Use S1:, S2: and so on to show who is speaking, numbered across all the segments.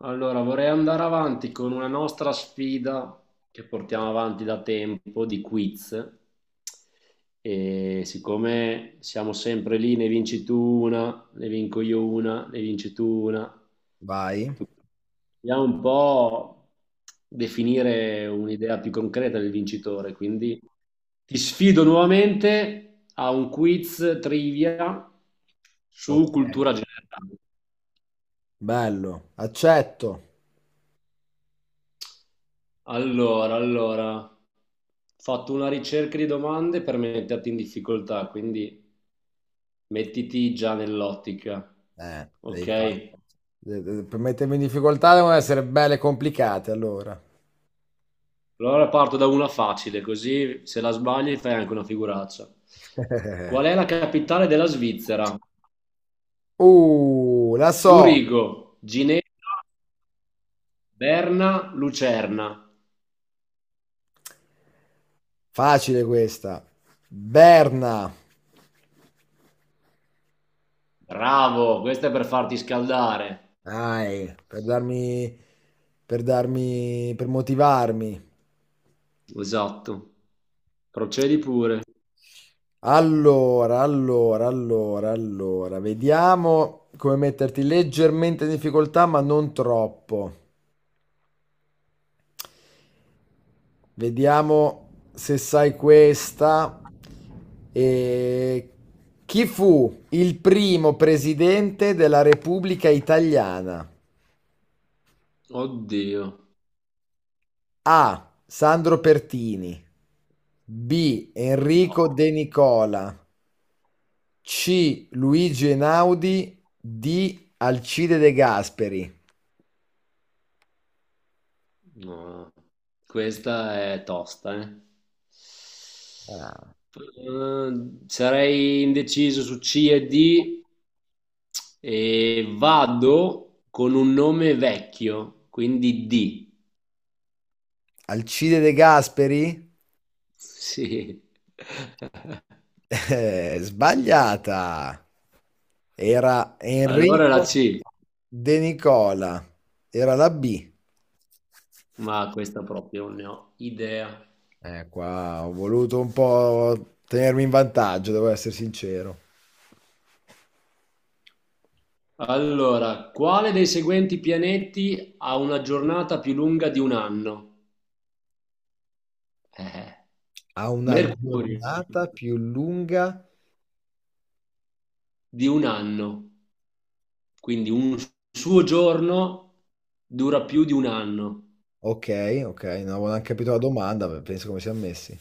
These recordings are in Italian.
S1: Allora, vorrei andare avanti con una nostra sfida che portiamo avanti da tempo di quiz. E siccome siamo sempre lì, ne vinci tu una, ne vinco io una, ne vinci tu una,
S2: Vai.
S1: dobbiamo un po' definire un'idea più concreta del vincitore. Quindi ti sfido nuovamente a un quiz trivia su
S2: Ok.
S1: cultura generale.
S2: Bello. Accetto.
S1: Allora, ho fatto una ricerca di domande per metterti in difficoltà, quindi mettiti già nell'ottica,
S2: Devi fare.
S1: ok?
S2: Per mettermi in difficoltà devono essere belle e complicate, allora.
S1: Allora parto da una facile, così se la sbagli fai anche una figuraccia. Qual è la capitale della Svizzera?
S2: La so.
S1: Zurigo, Ginevra, Berna, Lucerna.
S2: Facile questa. Berna.
S1: Bravo, questa è per farti scaldare.
S2: Dai, per darmi, per motivarmi.
S1: Esatto. Procedi pure.
S2: Allora, vediamo come metterti leggermente in difficoltà, ma non troppo. Vediamo se sai questa. E Chi fu il primo presidente della Repubblica Italiana?
S1: Oddio.
S2: A. Sandro Pertini. B.
S1: No.
S2: Enrico De Nicola. C. Luigi Einaudi. D. Alcide De Gasperi.
S1: No, questa è tosta, eh.
S2: Ah,
S1: Sarei indeciso su C e D e vado con un nome vecchio, quindi D.
S2: Alcide De Gasperi?
S1: Sì.
S2: Sbagliata. Era
S1: Allora la
S2: Enrico
S1: C,
S2: De Nicola. Era la B.
S1: ma questa proprio non ne ho idea.
S2: Qua ho voluto un po' tenermi in vantaggio, devo essere sincero.
S1: Allora, quale dei seguenti pianeti ha una giornata più lunga di un anno? Eh,
S2: Ha una
S1: Mercurio.
S2: giornata più lunga.
S1: Di un anno, quindi un suo giorno dura più di un anno.
S2: Ok, ok, non avevo neanche capito la domanda, beh, penso come siamo messi.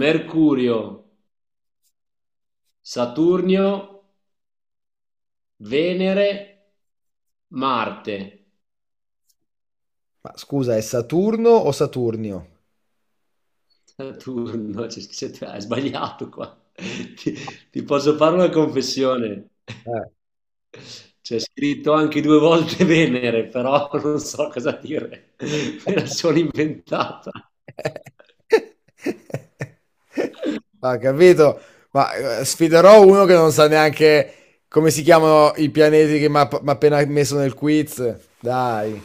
S1: Mercurio, Saturnio, Venere, Marte.
S2: Ma scusa, è Saturno o Saturnio?
S1: Saturno, c'è scritto- hai sbagliato qua. Ti, ti posso fare una confessione.
S2: Eh,
S1: C'è scritto anche due volte Venere, però non so cosa dire. Me la sono inventata.
S2: Ma capito? Ma sfiderò uno che non sa neanche come si chiamano i pianeti che mi ha appena messo nel quiz. Dai.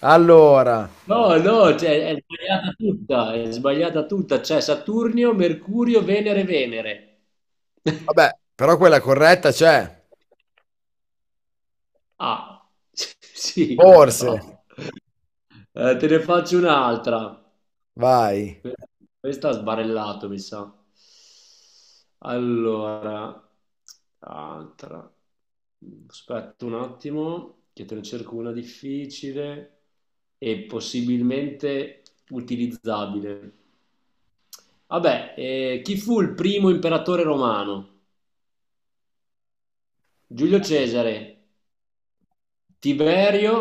S2: Allora,
S1: No, no, cioè, è sbagliata tutta, c'è Saturnio, Mercurio, Venere, Venere.
S2: vabbè, però quella corretta c'è.
S1: Ah, sì,
S2: Forse.
S1: però. Te ne faccio un'altra.
S2: Vai.
S1: Questa ha sbarellato, mi sa. Allora, altra. Aspetta un attimo, che te ne cerco una difficile e possibilmente utilizzabile. Vabbè, chi fu il primo imperatore romano? Giulio Cesare, Tiberio,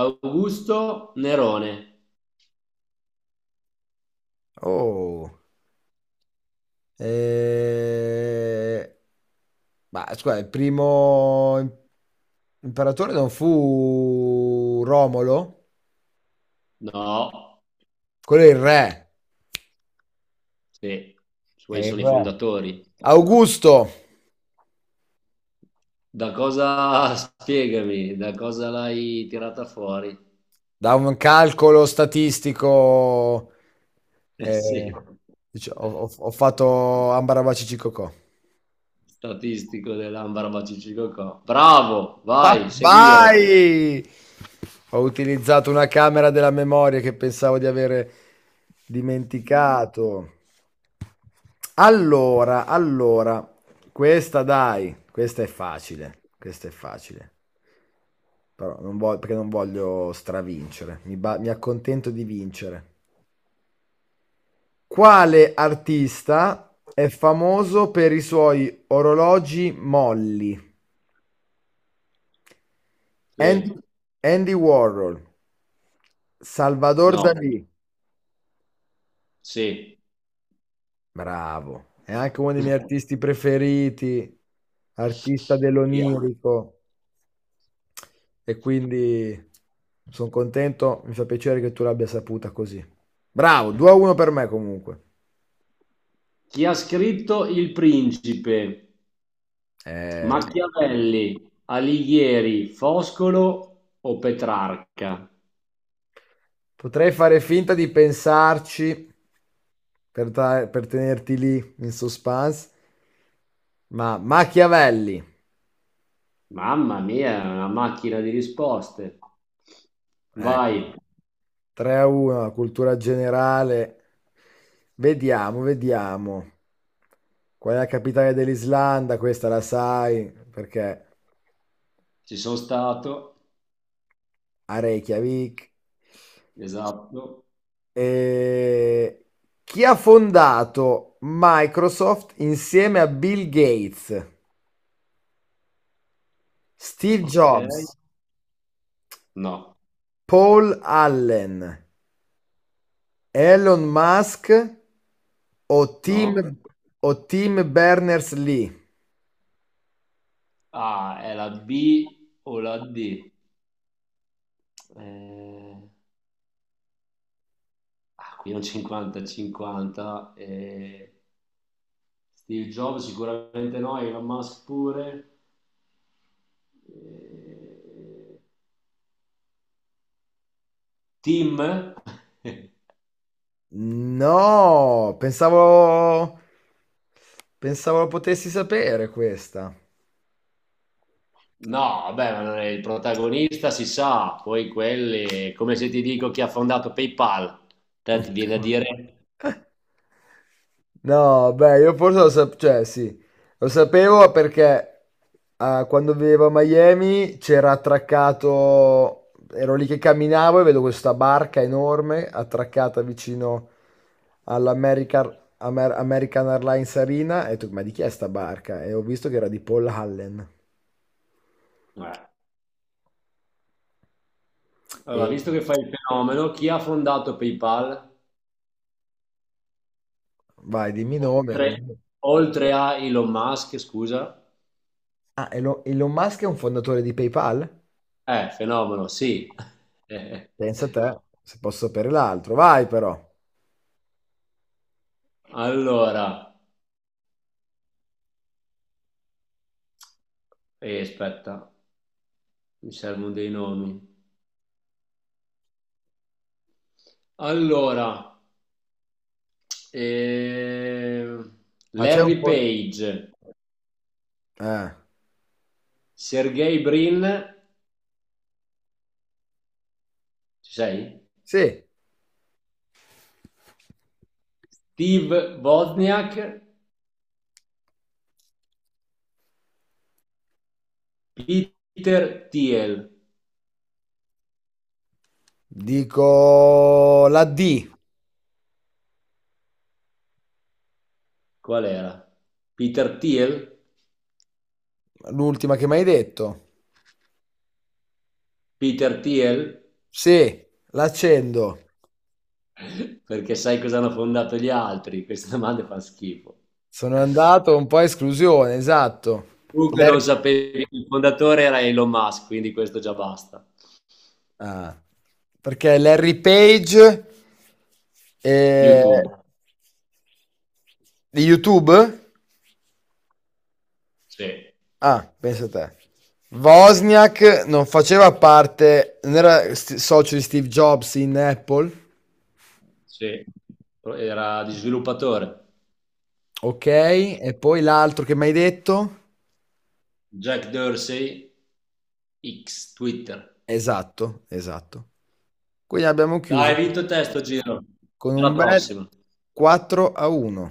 S1: Augusto, Nerone.
S2: Oh. Eh, Ma scusa, il primo imperatore non fu Romolo?
S1: No,
S2: Quello è il re.
S1: sì,
S2: È
S1: suoi
S2: il
S1: sono i
S2: re.
S1: fondatori.
S2: Augusto.
S1: Da cosa, spiegami, da cosa l'hai tirata fuori?
S2: Da un calcolo statistico,
S1: Eh
S2: eh,
S1: sì,
S2: ho fatto Ambarabaci Cicocò.
S1: statistico dell'Ambra Bacicicocò. Bravo,
S2: Ah,
S1: vai, seguire.
S2: vai! Ho utilizzato una camera della memoria che pensavo di avere dimenticato. Allora, questa dai, questa è facile, questa è facile. Però non voglio, perché non voglio stravincere, mi accontento di vincere. Quale artista è famoso per i suoi orologi molli?
S1: Sì,
S2: An- Andy Warhol, Salvador
S1: no,
S2: Dalì,
S1: sì.
S2: bravo, è anche uno dei miei artisti preferiti, artista dell'onirico e quindi sono contento, mi fa piacere che tu l'abbia saputa così. Bravo, 2-1 per me comunque.
S1: Chi ha scritto Il Principe?
S2: Eh,
S1: Machiavelli, Alighieri, Foscolo o Petrarca?
S2: Potrei fare finta di pensarci, per tenerti lì in suspense. Ma Machiavelli,
S1: Mamma mia, è una macchina di risposte.
S2: ecco,
S1: Vai,
S2: 3-1, la cultura generale. Vediamo, vediamo. Qual è la capitale dell'Islanda? Questa la sai perché
S1: ci sono stato,
S2: a Reykjavik.
S1: esatto,
S2: E chi ha fondato Microsoft insieme a Bill Gates, Steve
S1: ok.
S2: Jobs,
S1: No,
S2: Paul Allen? Elon Musk o Tim,
S1: no.
S2: o Tim Berners-Lee?
S1: Ah, è la B o la D? Eh, qui è un 50-50. Steve Jobs sicuramente no, Elon Musk pure. Eh, Tim?
S2: No, pensavo lo potessi sapere questa.
S1: No, vabbè, ma non è il protagonista, si sa, poi quelli, come se ti dico chi ha fondato PayPal, te ti viene a dire.
S2: No, beh, io forse lo sapevo, cioè sì, lo sapevo perché quando vivevo a Miami c'era attraccato, ero lì che camminavo e vedo questa barca enorme attraccata vicino American Airlines Arena e ho detto, ma di chi è sta barca? E ho visto che era di Paul Allen.
S1: Eh. Allora,
S2: E...
S1: visto che fai il fenomeno, chi ha fondato PayPal,
S2: Vai, dimmi nome
S1: oltre,
S2: almeno.
S1: oltre a Elon Musk, scusa?
S2: Ah, Elon Musk è un fondatore di PayPal?
S1: Fenomeno, sì. Eh,
S2: Pensa a te, se posso sapere l'altro. Vai però.
S1: Allora, aspetta, mi servono dei nomi. Allora, eh,
S2: Ma c'è un
S1: Larry
S2: po'.
S1: Page,
S2: Eh.
S1: Sergey Brin, ci sei?
S2: Sì,
S1: Steve Wozniak, Peter Thiel.
S2: dico la D,
S1: Qual era? Peter Thiel?
S2: l'ultima che mi hai detto.
S1: Peter Thiel?
S2: Sì, l'accendo.
S1: Perché sai cosa hanno fondato gli altri? Queste domande fanno schifo.
S2: Sono andato un po' a esclusione, esatto.
S1: Comunque non
S2: Larry-
S1: sapevi, che il fondatore era Elon Musk, quindi questo già basta.
S2: Ah, perché Larry Page e...
S1: YouTube,
S2: di YouTube?
S1: sì,
S2: Ah, pensa te. Wozniak non faceva parte, non era socio di Steve Jobs in Apple.
S1: sì. Era di sviluppatore.
S2: Ok, e poi l'altro che mi hai detto?
S1: Jack Dorsey, X, Twitter.
S2: Esatto, esatto. Quindi abbiamo
S1: Dai, hai
S2: chiuso
S1: vinto te sto giro.
S2: con un
S1: Alla
S2: bel
S1: prossima.
S2: 4-1.